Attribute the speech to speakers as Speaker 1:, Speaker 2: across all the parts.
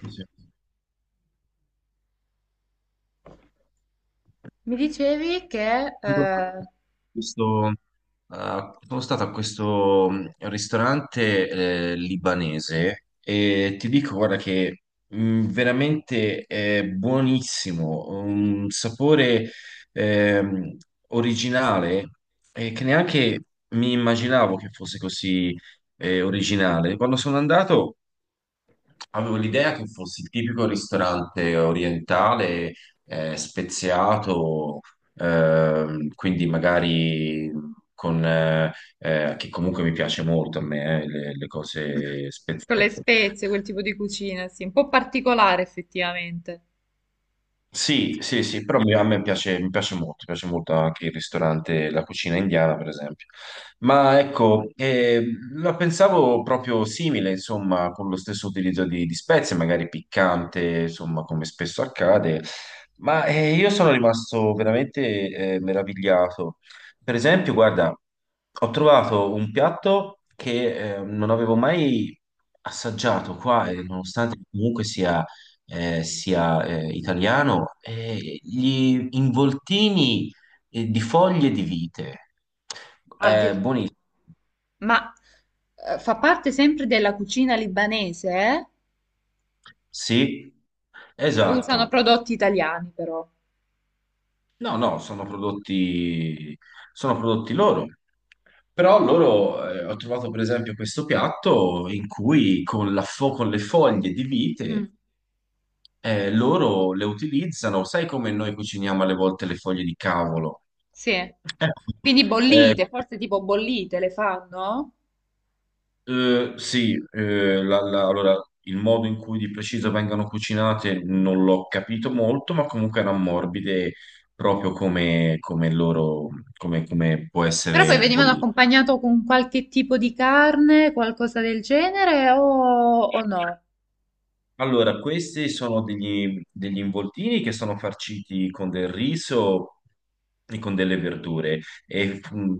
Speaker 1: Sì, sì.
Speaker 2: Mi dicevi che...
Speaker 1: Allora, questo, sono stato a questo ristorante libanese e ti dico, guarda, che veramente è buonissimo, un sapore ehm, originale che neanche mi immaginavo che fosse così originale. Quando sono andato. Avevo l'idea che fosse il tipico ristorante orientale, speziato, quindi magari con, che comunque mi piace molto a me, le cose
Speaker 2: con le
Speaker 1: speziate.
Speaker 2: spezie, quel tipo di cucina, sì, un po' particolare effettivamente.
Speaker 1: Sì, sì, sì, però a me piace, mi piace molto anche il ristorante, la cucina indiana, per esempio. Ma ecco, la pensavo proprio simile, insomma, con lo stesso utilizzo di spezie, magari piccante, insomma, come spesso accade, ma io sono rimasto veramente meravigliato. Per esempio, guarda, ho trovato un piatto che non avevo mai assaggiato qua, e nonostante comunque sia italiano, gli involtini di foglie di vite.
Speaker 2: Addirittura-
Speaker 1: Buonissimo.
Speaker 2: ma fa parte sempre della cucina libanese, eh?
Speaker 1: Sì,
Speaker 2: E usano
Speaker 1: esatto.
Speaker 2: prodotti italiani però.
Speaker 1: No, no, sono prodotti loro. Però loro, ho trovato per esempio questo piatto in cui con le foglie di vite,
Speaker 2: Mm,
Speaker 1: loro le utilizzano, sai come noi cuciniamo alle volte le foglie di cavolo?
Speaker 2: sì. Quindi
Speaker 1: Ecco,
Speaker 2: bollite, forse tipo bollite le fanno?
Speaker 1: eh, sì, allora il modo in cui di preciso vengano cucinate non l'ho capito molto, ma comunque erano morbide proprio come loro, come può
Speaker 2: Però poi
Speaker 1: essere
Speaker 2: venivano
Speaker 1: bollito.
Speaker 2: accompagnato con qualche tipo di carne, qualcosa del genere, o no?
Speaker 1: Allora, questi sono degli involtini che sono farciti con del riso e con delle verdure e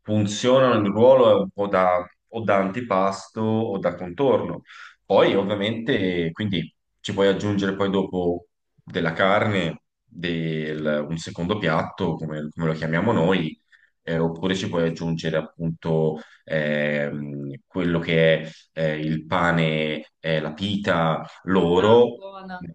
Speaker 1: funzionano il ruolo un po' o da antipasto o da contorno. Poi, ovviamente, quindi ci puoi aggiungere poi dopo della carne, un secondo piatto, come lo chiamiamo noi, oppure ci puoi aggiungere appunto quello che è il pane, la pita
Speaker 2: Ah,
Speaker 1: loro
Speaker 2: buona.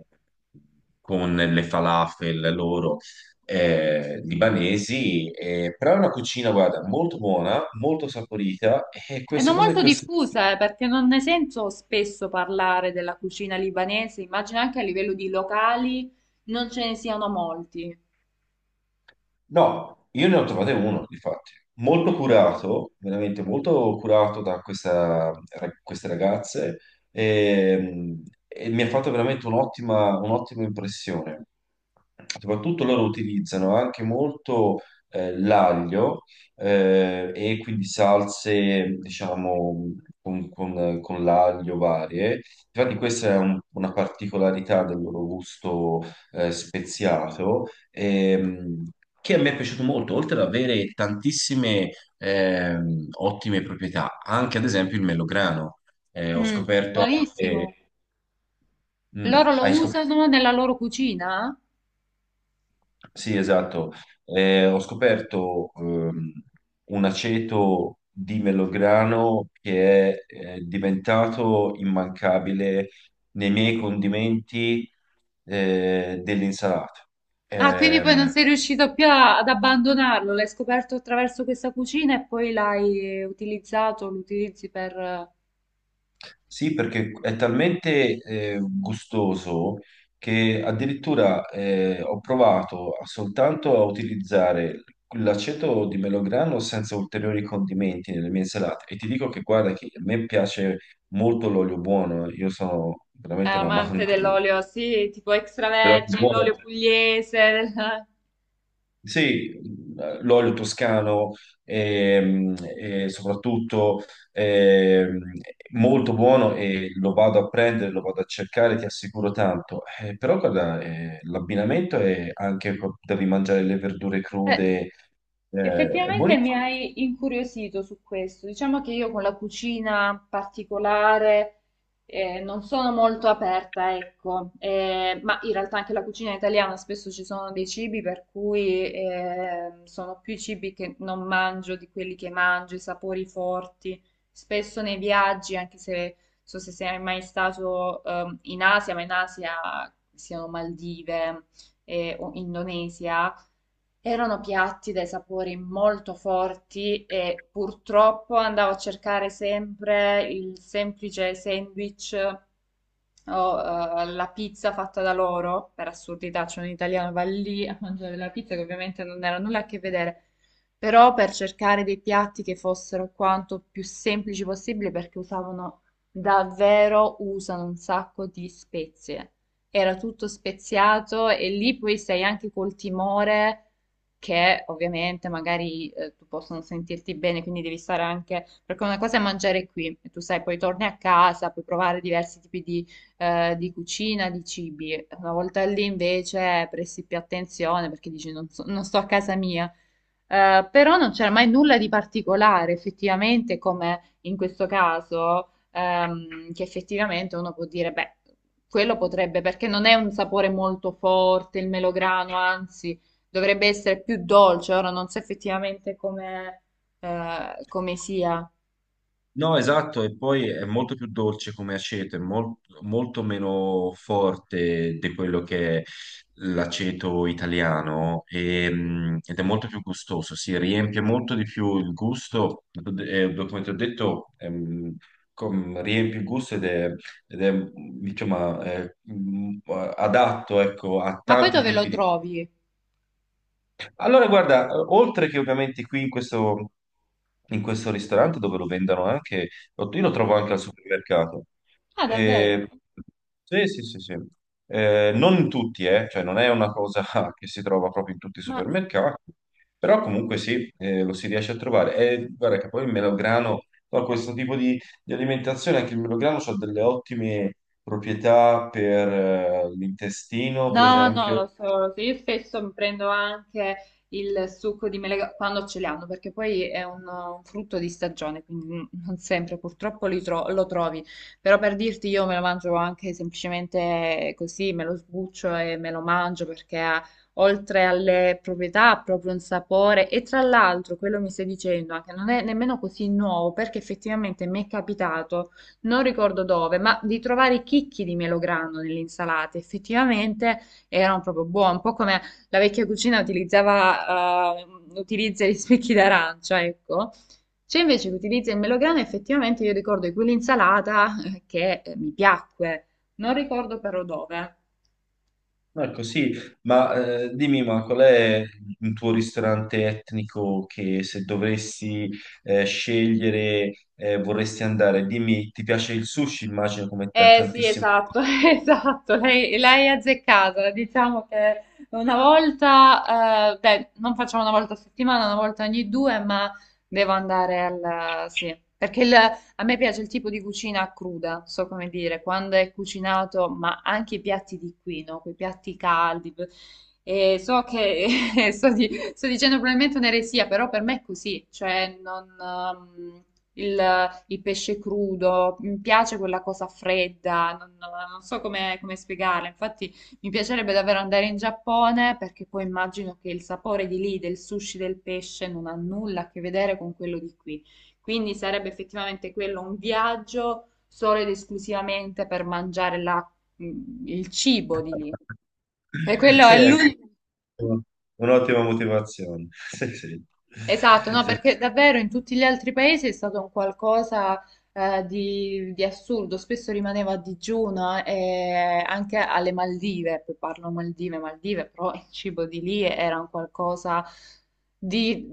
Speaker 1: con le falafel loro libanesi, però è una cucina, guarda, molto buona, molto saporita e
Speaker 2: E
Speaker 1: queste
Speaker 2: non
Speaker 1: cose,
Speaker 2: molto
Speaker 1: queste.
Speaker 2: diffusa, perché non ne sento spesso parlare della cucina libanese, immagino anche a livello di locali non ce ne siano molti.
Speaker 1: No, io ne ho trovate uno, infatti, molto curato, veramente molto curato da queste ragazze e, e mi ha fatto veramente un'ottima impressione. Soprattutto loro utilizzano anche molto l'aglio e quindi salse, diciamo, con l'aglio varie. Infatti questa è una particolarità del loro gusto speziato, che a me è piaciuto molto, oltre ad avere tantissime ottime proprietà, anche ad esempio il melograno. Ho
Speaker 2: Mm,
Speaker 1: scoperto
Speaker 2: buonissimo.
Speaker 1: anche. Mm,
Speaker 2: Loro lo
Speaker 1: hai scoperto.
Speaker 2: usano nella loro cucina?
Speaker 1: Sì, esatto. Ho scoperto un aceto di melograno che è diventato immancabile nei miei condimenti dell'insalata.
Speaker 2: Ah, quindi poi non
Speaker 1: Ehm,
Speaker 2: sei riuscito più a- ad abbandonarlo, l'hai scoperto attraverso questa cucina e poi l'hai utilizzato, lo utilizzi per...
Speaker 1: Sì, perché è talmente gustoso che addirittura ho provato soltanto a utilizzare l'aceto di melograno senza ulteriori condimenti nelle mie insalate. E ti dico che guarda che a me piace molto l'olio buono, io sono veramente un
Speaker 2: amante
Speaker 1: amante
Speaker 2: dell'olio, sì, tipo
Speaker 1: dell'olio
Speaker 2: extravergine,
Speaker 1: buono.
Speaker 2: l'olio pugliese.
Speaker 1: Sì, l'olio toscano e, soprattutto ehm, molto buono e lo vado a prendere, lo vado a cercare, ti assicuro tanto. Però guarda, l'abbinamento è anche, devi mangiare le verdure
Speaker 2: Eh,
Speaker 1: crude, è
Speaker 2: effettivamente mi
Speaker 1: buonissimo.
Speaker 2: hai incuriosito su questo. Diciamo che io con la cucina particolare non sono molto aperta, ecco. Ma in realtà anche la cucina italiana spesso ci sono dei cibi per cui sono più i cibi che non mangio di quelli che mangio, i sapori forti. Spesso nei viaggi, anche se so se sei mai stato in Asia, ma in Asia siano Maldive o Indonesia. Erano piatti dai sapori molto forti e purtroppo andavo a cercare sempre il semplice sandwich, ho la pizza fatta da loro, per assurdità, c'è un italiano va lì a mangiare la pizza che ovviamente non era nulla a che vedere, però per cercare dei piatti che fossero quanto più semplici possibile perché usavano davvero, usano un sacco di spezie. Era tutto speziato e lì poi sei anche col timore che ovviamente magari tu possono sentirti bene, quindi devi stare anche perché una cosa è mangiare qui e tu sai, poi torni a casa, puoi provare diversi tipi di cucina, di cibi. Una volta lì invece presti più attenzione perché dici non, so- non sto a casa mia. Però non c'era mai nulla di particolare, effettivamente, come in questo caso, che effettivamente uno può dire, beh, quello potrebbe, perché non è un sapore molto forte, il melograno, anzi, dovrebbe essere più dolce. Ora non so effettivamente come, come sia.
Speaker 1: No, esatto, e poi è molto più dolce come aceto, è molto meno forte di quello che è l'aceto italiano e, ed è molto più gustoso, si riempie molto di più il gusto, come ti ho detto, riempie il gusto ed è, diciamo, adatto, ecco, a
Speaker 2: Ma poi
Speaker 1: tanti
Speaker 2: dove lo
Speaker 1: tipi di.
Speaker 2: trovi?
Speaker 1: Allora, guarda, oltre che ovviamente qui in questo ristorante dove lo vendono anche, io lo
Speaker 2: Ah,
Speaker 1: trovo anche al supermercato.
Speaker 2: ah, davvero?
Speaker 1: E- sì, sì, sì, sì. Non in tutti, cioè non è una cosa che si trova proprio in tutti i
Speaker 2: Ma
Speaker 1: supermercati, però comunque sì, lo si riesce a trovare. E guarda che poi il melograno, no, questo tipo di alimentazione, anche il melograno ha delle ottime proprietà per l'intestino, per
Speaker 2: no, non
Speaker 1: esempio.
Speaker 2: lo so, io spesso mi prendo anche il succo di mele quando ce li hanno, perché poi è un frutto di stagione, quindi non sempre purtroppo li tro- lo trovi, però per dirti io me lo mangio anche semplicemente così, me lo sbuccio e me lo mangio perché ha, oltre alle proprietà ha proprio un sapore e tra l'altro quello mi stai dicendo anche non è nemmeno così nuovo perché effettivamente mi è capitato non ricordo dove, ma di trovare i chicchi di melograno nell'insalata. Effettivamente erano proprio buone, un po' come la vecchia cucina utilizzava, utilizza gli spicchi d'arancia, ecco. C'è invece che utilizza il melograno, effettivamente io ricordo di quell'insalata che mi piacque, non ricordo però dove.
Speaker 1: Ecco, sì, ma dimmi, ma qual è il tuo ristorante etnico che se dovresti scegliere vorresti andare? Dimmi, ti piace il sushi? Immagino come da
Speaker 2: Eh sì,
Speaker 1: tantissimo.
Speaker 2: esatto, esatto, lei è azzeccata, diciamo che una volta, beh, non facciamo una volta a settimana, una volta ogni due, ma devo andare al... sì, perché il- a me piace il tipo di cucina cruda, so come dire, quando è cucinato, ma anche i piatti di qui, no? Quei piatti caldi, e so che sto, di- sto dicendo probabilmente un'eresia, però per me è così, cioè non... il, il pesce crudo, mi piace quella cosa fredda, non, non so come, come spiegarla. Infatti, mi piacerebbe davvero andare in Giappone perché poi immagino che il sapore di lì, del sushi, del pesce, non ha nulla a che vedere con quello di qui. Quindi sarebbe effettivamente quello un viaggio solo ed esclusivamente per mangiare la- il cibo di lì. E quello
Speaker 1: Sì,
Speaker 2: è
Speaker 1: ecco,
Speaker 2: l'unico.
Speaker 1: un'ottima motivazione. Sì, sì.
Speaker 2: Esatto, no,
Speaker 1: Sì.
Speaker 2: perché davvero in tutti gli altri paesi è stato un qualcosa di assurdo, spesso rimaneva a digiuno e anche alle Maldive, poi parlo Maldive, Maldive, però il cibo di lì era un qualcosa di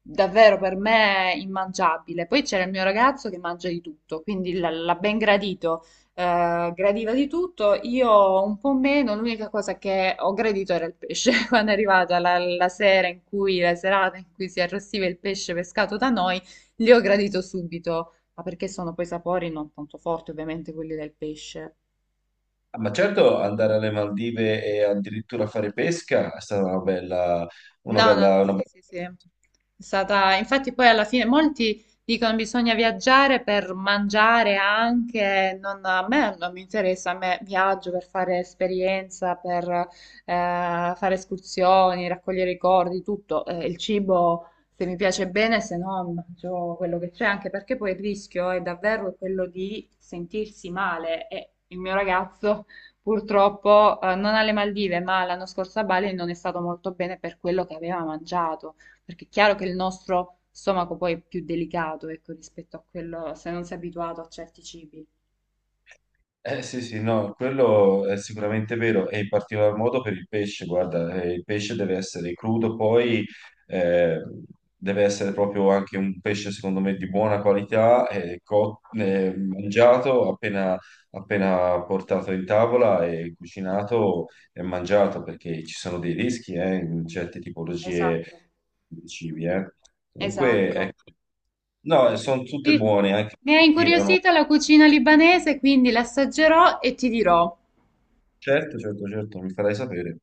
Speaker 2: davvero per me immangiabile. Poi c'era il mio ragazzo che mangia di tutto, quindi l- l'ha ben gradito gradiva di tutto, io un po' meno, l'unica cosa che ho gradito era il pesce. Quando è arrivata la, la sera in cui, la serata in cui si arrostiva il pesce pescato da noi, li ho gradito subito, ma perché sono poi sapori non tanto forti ovviamente quelli del pesce.
Speaker 1: Ah, ma certo, andare alle Maldive e addirittura fare pesca è stata una bella, una
Speaker 2: No, no,
Speaker 1: bella,
Speaker 2: no,
Speaker 1: una bella.
Speaker 2: sì, sì, sì. È stata, infatti poi alla fine molti dicono bisogna viaggiare per mangiare anche, non, a me non mi interessa, a me viaggio per fare esperienza, per fare escursioni, raccogliere ricordi, tutto. Il cibo se mi piace bene, se no mangio quello che c'è, anche perché poi il rischio è davvero quello di sentirsi male e il mio ragazzo... Purtroppo, non alle Maldive, ma l'anno scorso a Bali non è stato molto bene per quello che aveva mangiato, perché è chiaro che il nostro stomaco poi è più delicato, ecco, rispetto a quello se non sei abituato a certi cibi.
Speaker 1: Eh sì, sì, no, quello è sicuramente vero, e in particolar modo per il pesce, guarda, il pesce deve essere crudo, poi eh, deve essere proprio anche un pesce, secondo me, di buona qualità, mangiato appena, appena portato in tavola e cucinato e mangiato, perché ci sono dei rischi in certe tipologie
Speaker 2: Esatto,
Speaker 1: di cibi. Comunque,
Speaker 2: esatto.
Speaker 1: ecco, no, sono tutte
Speaker 2: Sì,
Speaker 1: buone, anche
Speaker 2: mi ha
Speaker 1: sì, è
Speaker 2: incuriosita la cucina libanese, quindi l'assaggerò e ti dirò.
Speaker 1: certo, certo, certo, mi farai sapere.